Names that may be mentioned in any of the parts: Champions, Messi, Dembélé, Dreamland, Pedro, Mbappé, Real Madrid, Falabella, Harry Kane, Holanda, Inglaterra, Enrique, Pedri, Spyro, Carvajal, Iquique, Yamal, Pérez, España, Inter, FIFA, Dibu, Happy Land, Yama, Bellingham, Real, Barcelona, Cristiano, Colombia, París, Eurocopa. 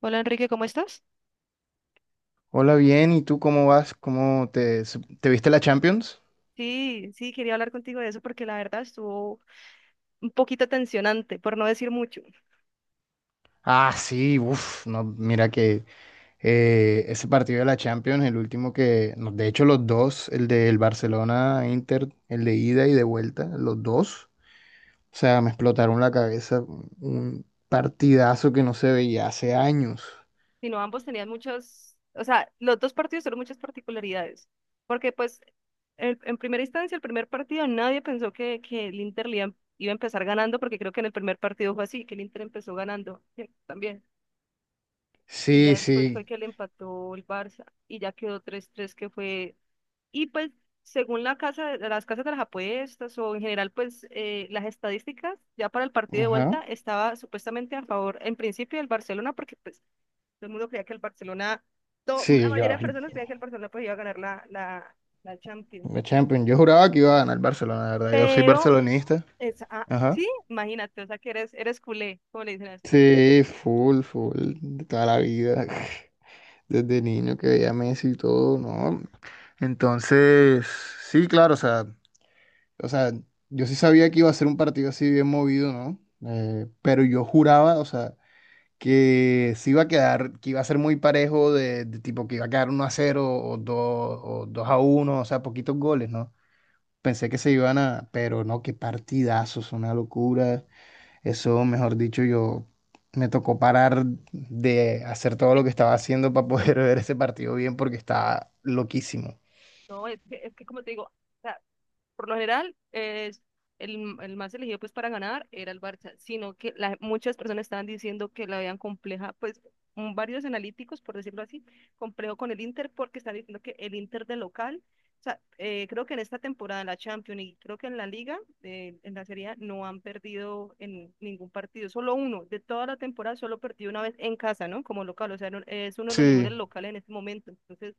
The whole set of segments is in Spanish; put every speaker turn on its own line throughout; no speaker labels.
Hola Enrique, ¿cómo estás?
Hola, bien, ¿y tú cómo vas? ¿Cómo te viste la Champions?
Sí, sí, quería hablar contigo de eso porque la verdad estuvo un poquito tensionante, por no decir mucho.
Ah, sí, uff, no, mira que ese partido de la Champions, el último que, no, de hecho los dos, el del Barcelona-Inter, el de ida y de vuelta, los dos, o sea, me explotaron la cabeza, un partidazo que no se veía hace años.
Sino ambos tenían muchos, o sea, los dos partidos tuvieron muchas particularidades. Porque pues en primera instancia, el primer partido, nadie pensó que el Inter iba a empezar ganando porque creo que en el primer partido fue así, que el Inter empezó ganando sí, también. Y
Sí,
ya después
sí,
fue que le empató el Barça y ya quedó 3-3 que fue. Y pues según la casa, las casas de las apuestas o en general pues las estadísticas, ya para el partido de
ajá,
vuelta estaba supuestamente a favor en principio del Barcelona porque pues todo el mundo creía que el Barcelona, la
sí, yo,
mayoría de personas creían que el Barcelona pues iba a ganar la Champions.
la Champions, yo juraba que iba a ganar el Barcelona, la verdad, yo soy
Pero,
barcelonista,
es, ah,
ajá.
sí, imagínate, o sea que eres culé, como le dicen así.
Sí, full, full, de toda la vida, desde niño que veía a Messi y todo, ¿no? Entonces, sí, claro, o sea, yo sí sabía que iba a ser un partido así bien movido, ¿no? Pero yo juraba, o sea, que sí iba a quedar, que iba a ser muy parejo de tipo que iba a quedar 1-0 o 2 o 2 a uno, o sea, poquitos goles, ¿no? Pensé que se iban a, pero no, qué partidazos, una locura. Eso, mejor dicho, yo me tocó parar de hacer todo lo que estaba haciendo para poder ver ese partido bien porque estaba loquísimo.
No, es que como te digo, o sea, por lo general, es el más elegido pues para ganar era el Barça, sino que muchas personas estaban diciendo que la veían compleja, pues varios analíticos, por decirlo así, complejo con el Inter porque están diciendo que el Inter de local, o sea, creo que en esta temporada en la Champions y creo que en la Liga, en la Serie A, no han perdido en ningún partido, solo uno, de toda la temporada solo perdido una vez en casa, ¿no? Como local, o sea, es uno de los mejores
Sí.
locales en este momento, entonces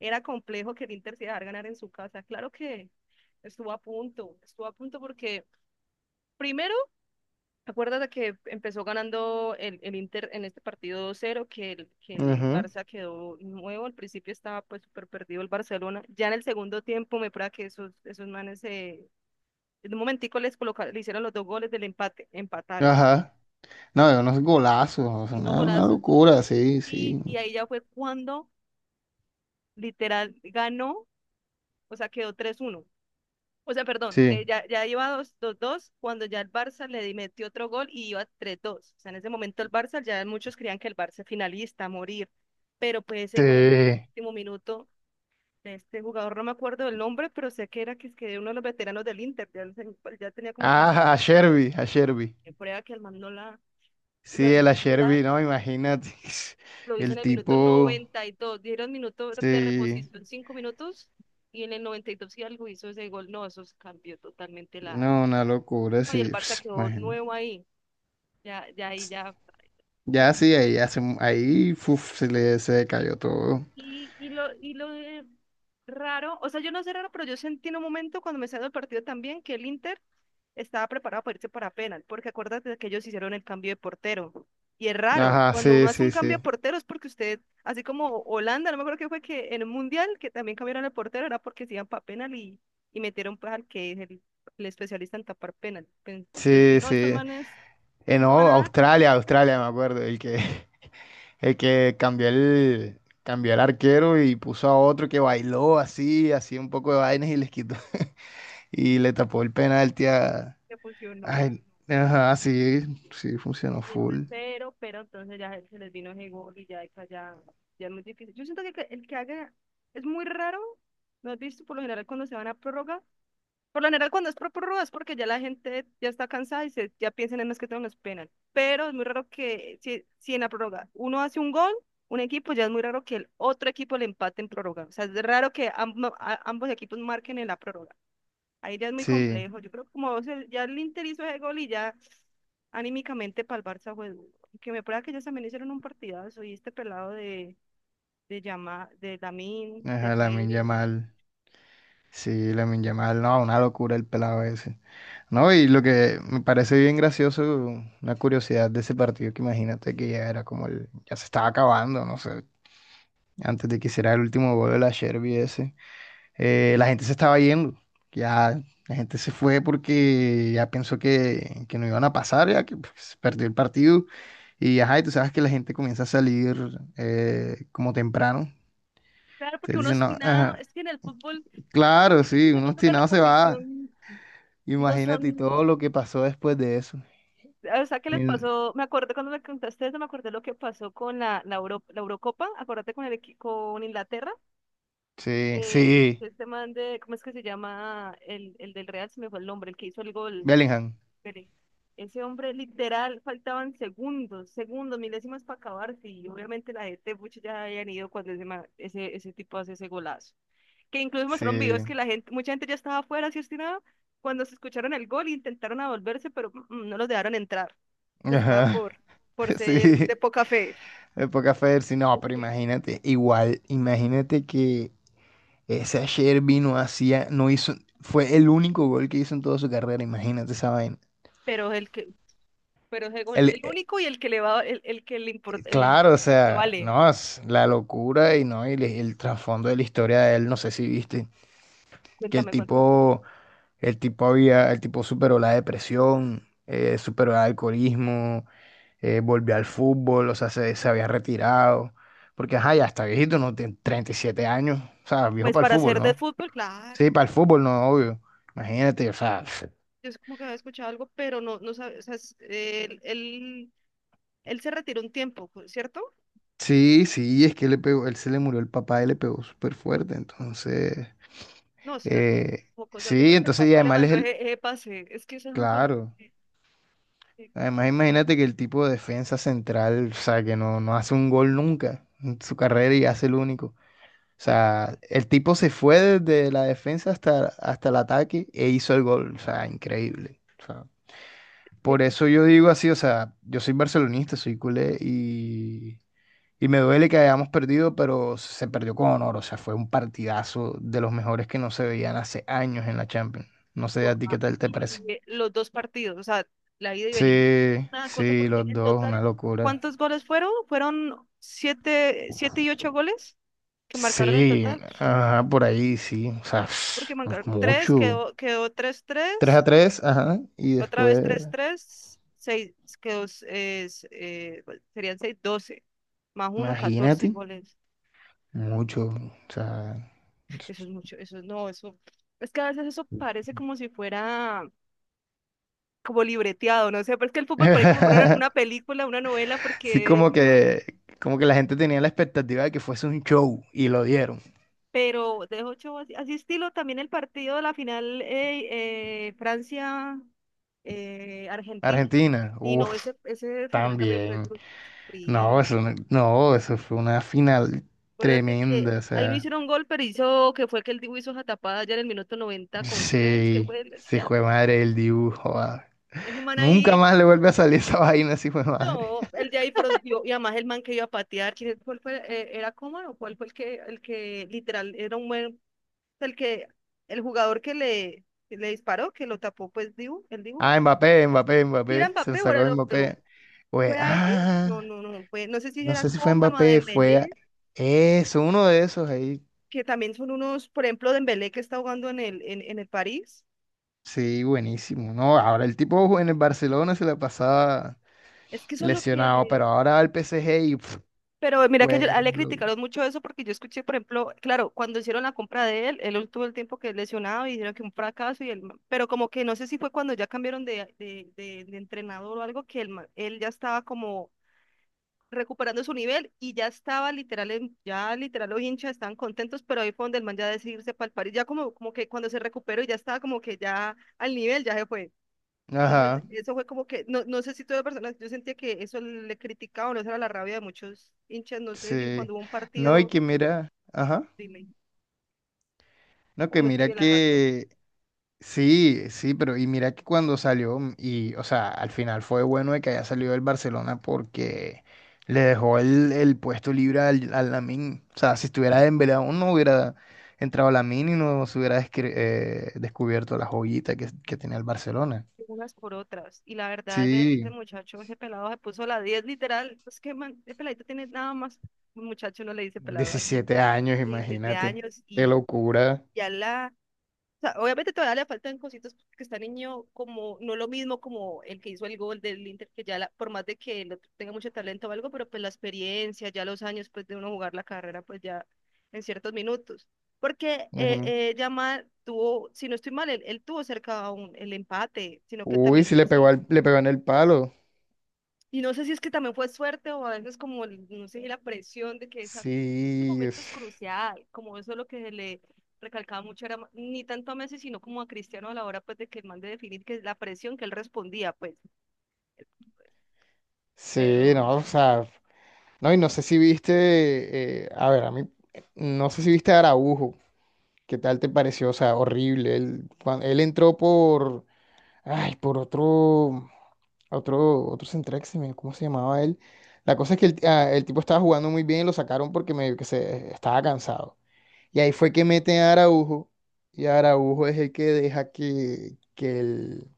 era complejo que el Inter se dejara ganar en su casa. Claro que estuvo a punto porque primero, acuérdate que empezó ganando el Inter en este partido 2-0, que el,
Ujú.
Barça quedó nuevo, al principio estaba pues súper perdido el Barcelona. Ya en el segundo tiempo me prueba que esos manes en un momentico les colocaron, le hicieron los dos goles del empate, empataron, man,
Ajá. No, de unos golazos, o sea,
y unos
una
golazos,
locura, sí,
y,
sí.
y ahí ya fue cuando literal ganó, o sea, quedó 3-1. O sea, perdón,
Sí.
ya iba 2-2 cuando ya el Barça le metió otro gol y iba 3-2. O sea, en ese momento el Barça, ya muchos creían que el Barça es finalista, a morir. Pero pues ese gol en el
Sí.
último minuto, de este jugador, no me acuerdo del nombre, pero sé que era que, es que uno de los veteranos del Inter, ya, no sé, ya tenía como 30,
Ah, a Sherby, a Sherby.
prueba que el man no la... Y lo,
Sí, el a
literal,
Sherby, no, imagínate.
lo hizo en
El
el minuto
tipo.
92. Dieron minuto de
Sí.
reposición, 5 minutos, y en el 92 y algo hizo ese gol. No, eso cambió totalmente la.
No, una locura, sí.
Y el Barça quedó
Imagínate.
nuevo ahí. Ya, ya, y ya. Y,
Ya sí, ahí hace, ahí uf, se le cayó todo.
y lo de raro, o sea, yo no sé raro, pero yo sentí en un momento, cuando me salió el partido también, que el Inter estaba preparado para irse para penal, porque acuérdate de que ellos hicieron el cambio de portero. Y es raro,
Ajá,
cuando uno
sí,
hace un
sí,
cambio
sí.
de portero es porque usted, así como Holanda, no me acuerdo qué fue, que en el Mundial, que también cambiaron el portero, era porque se iban para penal, y metieron pues al que es el especialista en tapar penal. Entonces, dije,
Sí,
no, estos
sí.
manes
No,
no van a dar,
Australia, Australia, me acuerdo. El que, el que cambió el arquero y puso a otro que bailó así, así un poco de vainas y les quitó. Y le tapó el penalti a.
que funcionó.
Ay, ajá, sí, sí, funcionó
Y después,
full.
pero entonces ya se les vino ese gol y ya, esa ya, ya es muy difícil. Yo siento que el que haga es muy raro, ¿no has visto? Por lo general, cuando se van a prórroga, por lo general cuando es prórroga, es porque ya la gente ya está cansada y se, ya piensan en más que todo en los penal. Pero es muy raro que, si en la prórroga uno hace un gol, un equipo, ya es muy raro que el otro equipo le empate en prórroga. O sea, es raro que ambos equipos marquen en la prórroga. Ahí ya es muy
Sí,
complejo. Yo creo que, como o ya el Inter hizo ese gol y ya, anímicamente para el Barça fue duro. Que me prueba que ellos también hicieron un partidazo, y este pelado de Yama, de Lamine, de
ajá, Lamine
Pedri, güey.
Yamal. Sí, Lamine Yamal. No, una locura el pelado ese. No, y lo que me parece bien gracioso, una curiosidad de ese partido, que imagínate que ya era como el, ya se estaba acabando, no sé, antes de que hiciera el último gol de la Sherby ese, la gente se estaba yendo, ya la gente se fue porque ya pensó que, no iban a pasar, ya que pues, se perdió el partido, y ajá, y tú sabes que la gente comienza a salir como temprano,
Claro, porque
entonces
uno
dicen, no,
sin nada,
ajá,
es que en el fútbol
claro,
esos
sí, un
minutos de
obstinado se va,
reposición no
imagínate y
son,
todo lo que pasó después de eso.
o sea, ¿qué les
Ni-
pasó? Me acuerdo cuando me contaste eso, me acordé lo que pasó con la Eurocopa, acuérdate con el con Inglaterra,
Sí,
que
sí,
este man de, ¿cómo es que se llama? El del Real, se me fue el nombre, el que hizo el gol.
Bellingham,
Pérez. Ese hombre literal, faltaban segundos, segundos, milésimas para acabarse, y obviamente la gente mucho ya habían ido cuando ese, ese, tipo hace ese golazo. Que incluso mostraron videos
sí,
que la gente, mucha gente ya estaba afuera, así obstinada, cuando se escucharon el gol intentaron a volverse, pero no los dejaron entrar. Les va
ajá,
por, ser de
sí,
poca fe.
época Fersi, no,
Es
pero
que-
imagínate, igual, imagínate que ese ayer vino hacía, no hizo, fue el único gol que hizo en toda su carrera, imagínate esa vaina.
Pero el que, pero ese gol,
El,
el
eh,
único, y el que le va, el que le importa, el
claro, o
que
sea,
vale.
no, es la locura y no, y el trasfondo de la historia de él, no sé si viste, que el
Cuéntame, cuéntame.
tipo, el tipo había, el tipo superó la depresión, superó el alcoholismo volvió al fútbol, o sea, se había retirado, porque ajá, ya está viejito, no tiene 37 años, o sea, viejo
Pues
para el
para
fútbol,
ser de
¿no?
fútbol, claro.
Sí, para el fútbol, no, obvio. Imagínate, o sea,
Yo es como que había escuchado algo, pero no, no sabes, o sea, él, él se retiró un tiempo, ¿cierto?
sí, sí, es que le pegó, él se le murió el papá y le pegó súper fuerte, entonces,
No, eso era como
eh,
como cosas, yo
sí,
creo que el
entonces, y
papá le
además él es
mandó
el,
ese, ese pase, es que esas son cosas
claro,
que-
además
que-
imagínate que el tipo de defensa central, o sea, que no, no hace un gol nunca en su carrera y hace el único. O
pero
sea, el tipo se fue desde la defensa hasta el ataque e hizo el gol. O sea, increíble. O sea, por eso yo digo así, o sea, yo soy barcelonista, soy culé y me duele que hayamos perdido, pero se perdió con honor. O sea, fue un partidazo de los mejores que no se veían hace años en la Champions. No sé a
pero,
ti qué
ah,
tal te parece.
y, los dos partidos, o sea, la ida y venida,
Sí,
una cosa,
sí,
porque
los
en
dos, una
total,
locura.
¿cuántos goles fueron? ¿Fueron siete, siete y ocho goles que marcaron en
Sí,
total?
ajá, por ahí, sí. O sea,
Porque marcaron tres,
mucho.
quedó, quedó tres,
tres a
tres.
tres, ajá. Y
Otra vez
después,
tres tres seis, que es, bueno, serían 6 12 más uno 14
imagínate,
goles.
mucho. O sea,
Eso es mucho, no, eso. Es que a veces eso parece como si fuera como libreteado, no sé, pero es que el fútbol parece como fuera una película, una novela,
sí,
porque
como
eso,
que, como que la gente tenía la expectativa de que fuese un show y lo dieron.
pero de ocho, así, así estilo también el partido de la final, Francia, Argentina.
Argentina,
Y no,
uff,
ese final también fue
también. No,
sufrir.
eso, no, no, eso fue una final
Acuérdate que
tremenda. O
ahí no
sea,
hicieron gol, pero hizo que fue que el Dibu hizo esa tapada allá en el minuto noventa con tres, que
sí,
fue
sí,
ya.
fue madre el dibujo. Ah.
Ese man
Nunca
ahí,
más le vuelve a salir esa vaina, sí, fue madre.
no, el de ahí fronteó, y además el man que iba a patear, ¿quién, cuál fue, era Coman o cuál fue el que literal era un buen, el que, el jugador que le disparó, que lo tapó, pues Dibu, el Dibu.
Ah, Mbappé, Mbappé,
Si era
Mbappé. Se lo
Mbappé o era el
sacó
otro,
Mbappé. Pues,
¿fue a ese?
ah.
No, no, no, fue, no sé si
No
era
sé si fue
Coman o a
Mbappé,
Dembélé,
eso, uno de esos ahí.
que también son unos, por ejemplo, Dembélé que está jugando en el, en el París.
Sí, buenísimo. No, ahora el tipo en el Barcelona se la pasaba
Es que eso es lo
lesionado,
que...
pero ahora va al PSG y pf,
Pero mira que
juega.
yo, a él le criticaron mucho eso porque yo escuché, por ejemplo, claro, cuando hicieron la compra de él, él tuvo el tiempo que lesionado y dijeron que un fracaso, y él, pero como que no sé si fue cuando ya cambiaron de, de entrenador o algo, que él, él ya estaba como recuperando su nivel y ya estaba literal, ya literal los hinchas estaban contentos, pero ahí fue donde el man ya decidirse para el París, ya como, como que cuando se recuperó y ya estaba como que ya al nivel, ya se fue. Entonces,
Ajá,
eso fue como que, no, no sé si todas las personas, yo sentía que eso le criticaban, no, esa era la rabia de muchos hinchas, no sé si
sí.
cuando hubo un
No, y
partido,
que mira, ajá.
dime,
No,
o
que
no
mira
estudié la razón,
que sí, sí, pero y mira que cuando salió, y o sea, al final fue bueno de que haya salido el Barcelona porque le dejó el puesto libre al, Lamine. O sea, si estuviera Dembélé aún no hubiera entrado Lamine y no se hubiera descubierto la joyita que tenía el Barcelona.
unas por otras. Y la verdad, ese,
Sí,
ese muchacho, ese pelado se puso la 10 literal, pues que man, ese peladito tiene nada más, un muchacho no le dice pelado aquí,
17 años,
y siete
imagínate.
años,
Qué
y
locura.
ya la, sea, obviamente todavía le faltan cositas porque está niño como, no lo mismo como el que hizo el gol del Inter, que ya por más de que el otro tenga mucho talento o algo, pero pues la experiencia, ya los años pues de uno jugar la carrera pues ya en ciertos minutos. Porque
Ujú.
Yamal tuvo, si no estoy mal, él tuvo cerca un, el empate, sino que
Uy,
también no
sí
sé
le pegó
si
le pegó en el palo.
y no sé si es que también fue suerte o a veces como, el- no sé, la presión de que esa- este
Sí,
momento es crucial, como eso es lo que se le recalcaba mucho, era ma- ni tanto a Messi, sino como a Cristiano a la hora pues de que el man de definir que es la presión que él respondía, pues,
sí,
pero
no,
eso,
o sea. No, y no sé si viste, a ver, a mí, no sé si viste a Araujo, ¿qué tal te pareció? O sea, horrible. Él, él entró por, ay, por otro central, ¿cómo se llamaba él? La cosa es que el tipo estaba jugando muy bien y lo sacaron porque medio que se estaba cansado. Y ahí fue que meten a Araujo, y Araujo es el que deja que, que el,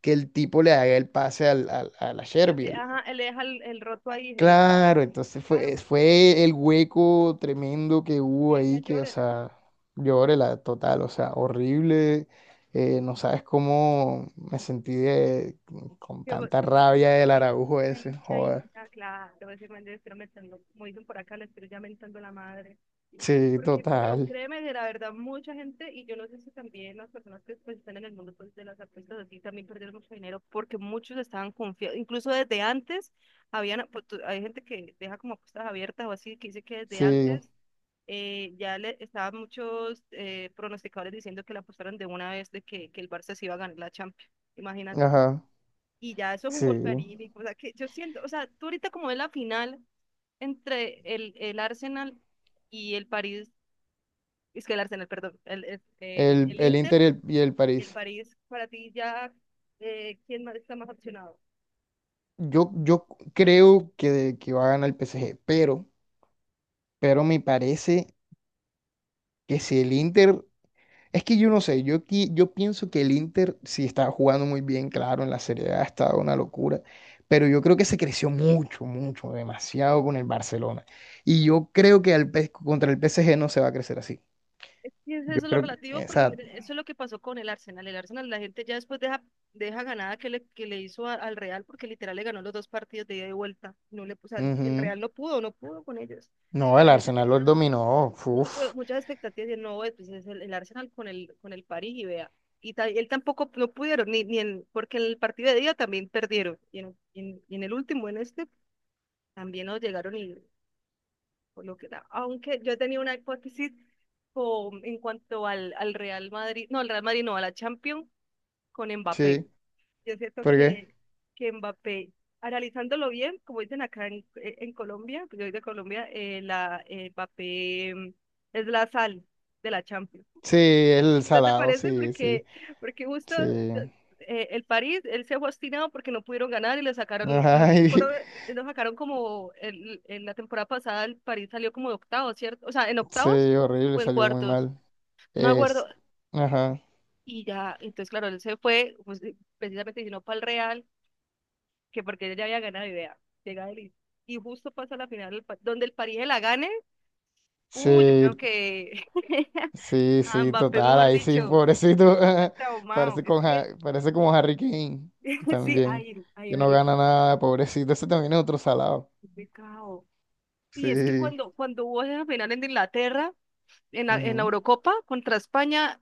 que el tipo le haga el pase a la
él,
Sherby.
de- ajá, él le deja el roto ahí, de,
Claro, entonces
claro,
fue el hueco tremendo que
que
hubo
ella
ahí, que, o
llórela,
sea, lloré la total, o sea, horrible. No sabes cómo me sentí con
yo,
tanta
tú porque,
rabia del Araujo ese,
chain, chain,
joder.
ah, claro, ese man debe estar metiendo, como dicen por acá, le estoy ya mentando la madre.
Sí,
Porque, pero
total.
créeme que la verdad, mucha gente, y yo no sé si también las personas que pues, están en el mundo pues, de las apuestas así también perdieron mucho dinero porque muchos estaban confiados, incluso desde antes, habían, pues, tú- hay gente que deja como apuestas abiertas o así, que dice que desde
Sí,
antes ya le estaban muchos pronosticadores diciendo que la apostaron de una vez de que el Barça se iba a ganar la Champions, imagínate.
ajá,
Y ya eso es un
sí.
golpe anímico, o sea, que yo siento, o sea, tú ahorita como es la final entre el Arsenal y el París, es que el Arsenal, perdón, el, el, el,
El,
el
el
Inter,
Inter y y el
el
París.
París, para ti ya, ¿quién más está más opcionado?
Yo creo que va a ganar el PSG, pero me parece que si el Inter. Es que yo no sé, yo pienso que el Inter sí estaba jugando muy bien, claro, en la Serie A estaba una locura, pero yo creo que se creció mucho, mucho, demasiado con el Barcelona. Y yo creo que contra el PSG no se va a crecer así.
Es que es
Yo
eso lo
creo que,
relativo, porque
exacto.
mire, eso es lo que pasó con el Arsenal. El Arsenal, la gente ya después deja, deja ganada que le hizo a- al Real, porque literal le ganó los dos partidos de ida y vuelta. No le, o sea, el
Ujú.
Real no pudo, no pudo con ellos.
No, el
La gente
Arsenal
tenía
los dominó, uf,
mucho, muchas expectativas de no, pues es el Arsenal con el París y vea. Y ta- él tampoco no pudieron, ni, ni en, porque en el partido de ida también perdieron. Y en, y en, y en el último, en este, también nos llegaron y por lo que da- aunque yo tenía una hipótesis con- en cuanto al, al Real Madrid, no, al Real Madrid no, a la Champions con Mbappé.
sí,
Yo siento
¿por qué?
que Mbappé, analizándolo bien, como dicen acá en Colombia, pues yo soy de Colombia, la, Mbappé es la sal de la Champions.
Sí, el
¿No te
salado,
parece?
sí, sí,
Porque, porque justo
sí.
el París, él se fue obstinado porque no pudieron ganar y lo sacaron, no,
Ay,
fueron- lo sacaron como el, en la temporada pasada el París salió como de octavos, ¿cierto? O sea, en
sí,
octavos
horrible,
o en
salió muy
cuartos,
mal.
no me acuerdo.
Es, ajá.
Y ya, entonces claro, él se fue pues, precisamente sino para el Real, que porque él ya había ganado idea, llega él y justo pasa la final, el Pa- donde el París la gane, yo
Sí,
creo que
sí,
a
sí,
Mbappé,
total,
mejor
ahí sí,
dicho,
pobrecito.
está traumado,
Parece,
es
con, Ja-
que
parece como Harry Kane
sí,
también,
ay, ay,
que no
Ari,
gana nada, pobrecito. Ese también es otro salado.
qué pecado. Y es que
Sí.
cuando, cuando hubo esa final en Inglaterra, en la
Ujú.
Eurocopa contra España,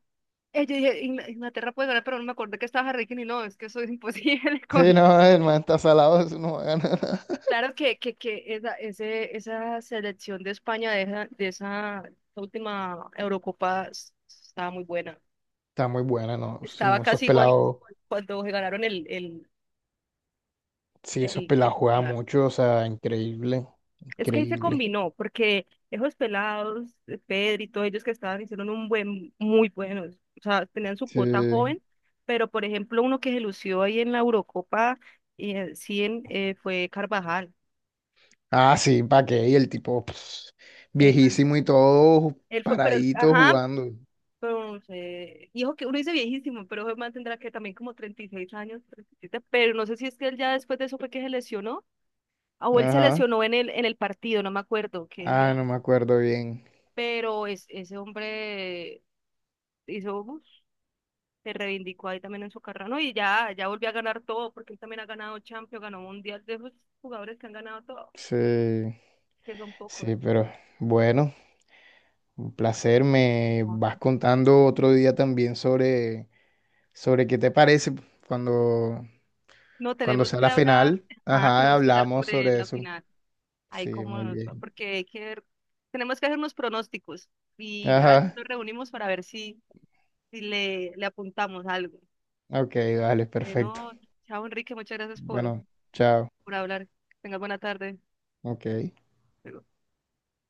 yo dije, "Ingla- Inglaterra puede ganar, pero no me acordé que estaba Harry Kane y no, es que eso es imposible
Sí,
con...
no, el man está salado, eso no gana nada.
Claro que esa, ese, esa selección de España de esa última Eurocopa s- estaba muy buena.
Está muy buena, ¿no? Sí,
Estaba
esos
casi igual
pelados,
cuando se ganaron
sí, esos
el, el,
pelados juegan mucho, o sea, increíble,
es que ahí se
increíble.
combinó, porque esos pelados, Pedro y todos ellos que estaban, hicieron un buen, muy buenos. O sea, tenían su
Sí.
cuota joven, pero por ejemplo, uno que se lució ahí en la Eurocopa, sí, en, fue Carvajal.
Ah, sí, ¿para qué? Y el tipo, pues,
Man,
viejísimo y todo,
él fue, pero, él-
paradito
ajá,
jugando.
pues, hijo que uno dice viejísimo, pero ese man tendrá que también como 36 años, 37, pero no sé si es que él ya después de eso fue que se lesionó, ah, o él se
Ajá.
lesionó en el partido, no me acuerdo, que él
Ah, no me acuerdo bien.
pero es, ese hombre hizo. Uf, se reivindicó ahí también en su carrera, ¿no? Y ya, ya volvió a ganar todo, porque él también ha ganado Champions, ganó Mundial, de esos jugadores que han ganado todo,
Sí,
que son pocos.
sí, pero bueno, un placer. Me
No,
vas contando otro día también sobre qué te parece cuando,
no,
cuando
tenemos
sea
que
la
hablar,
final.
ajá,
Ajá,
tenemos que hablar
hablamos
sobre
sobre
la
eso.
final, ahí
Sí,
como
muy
nos va,
bien.
porque hay que ver- tenemos que hacer unos pronósticos y ya después
Ajá,
nos reunimos para ver si, si le, le apuntamos algo.
ok, vale, perfecto.
Pero, chao Enrique, muchas gracias
Bueno, chao.
por hablar. Que tengas buena tarde.
Ok.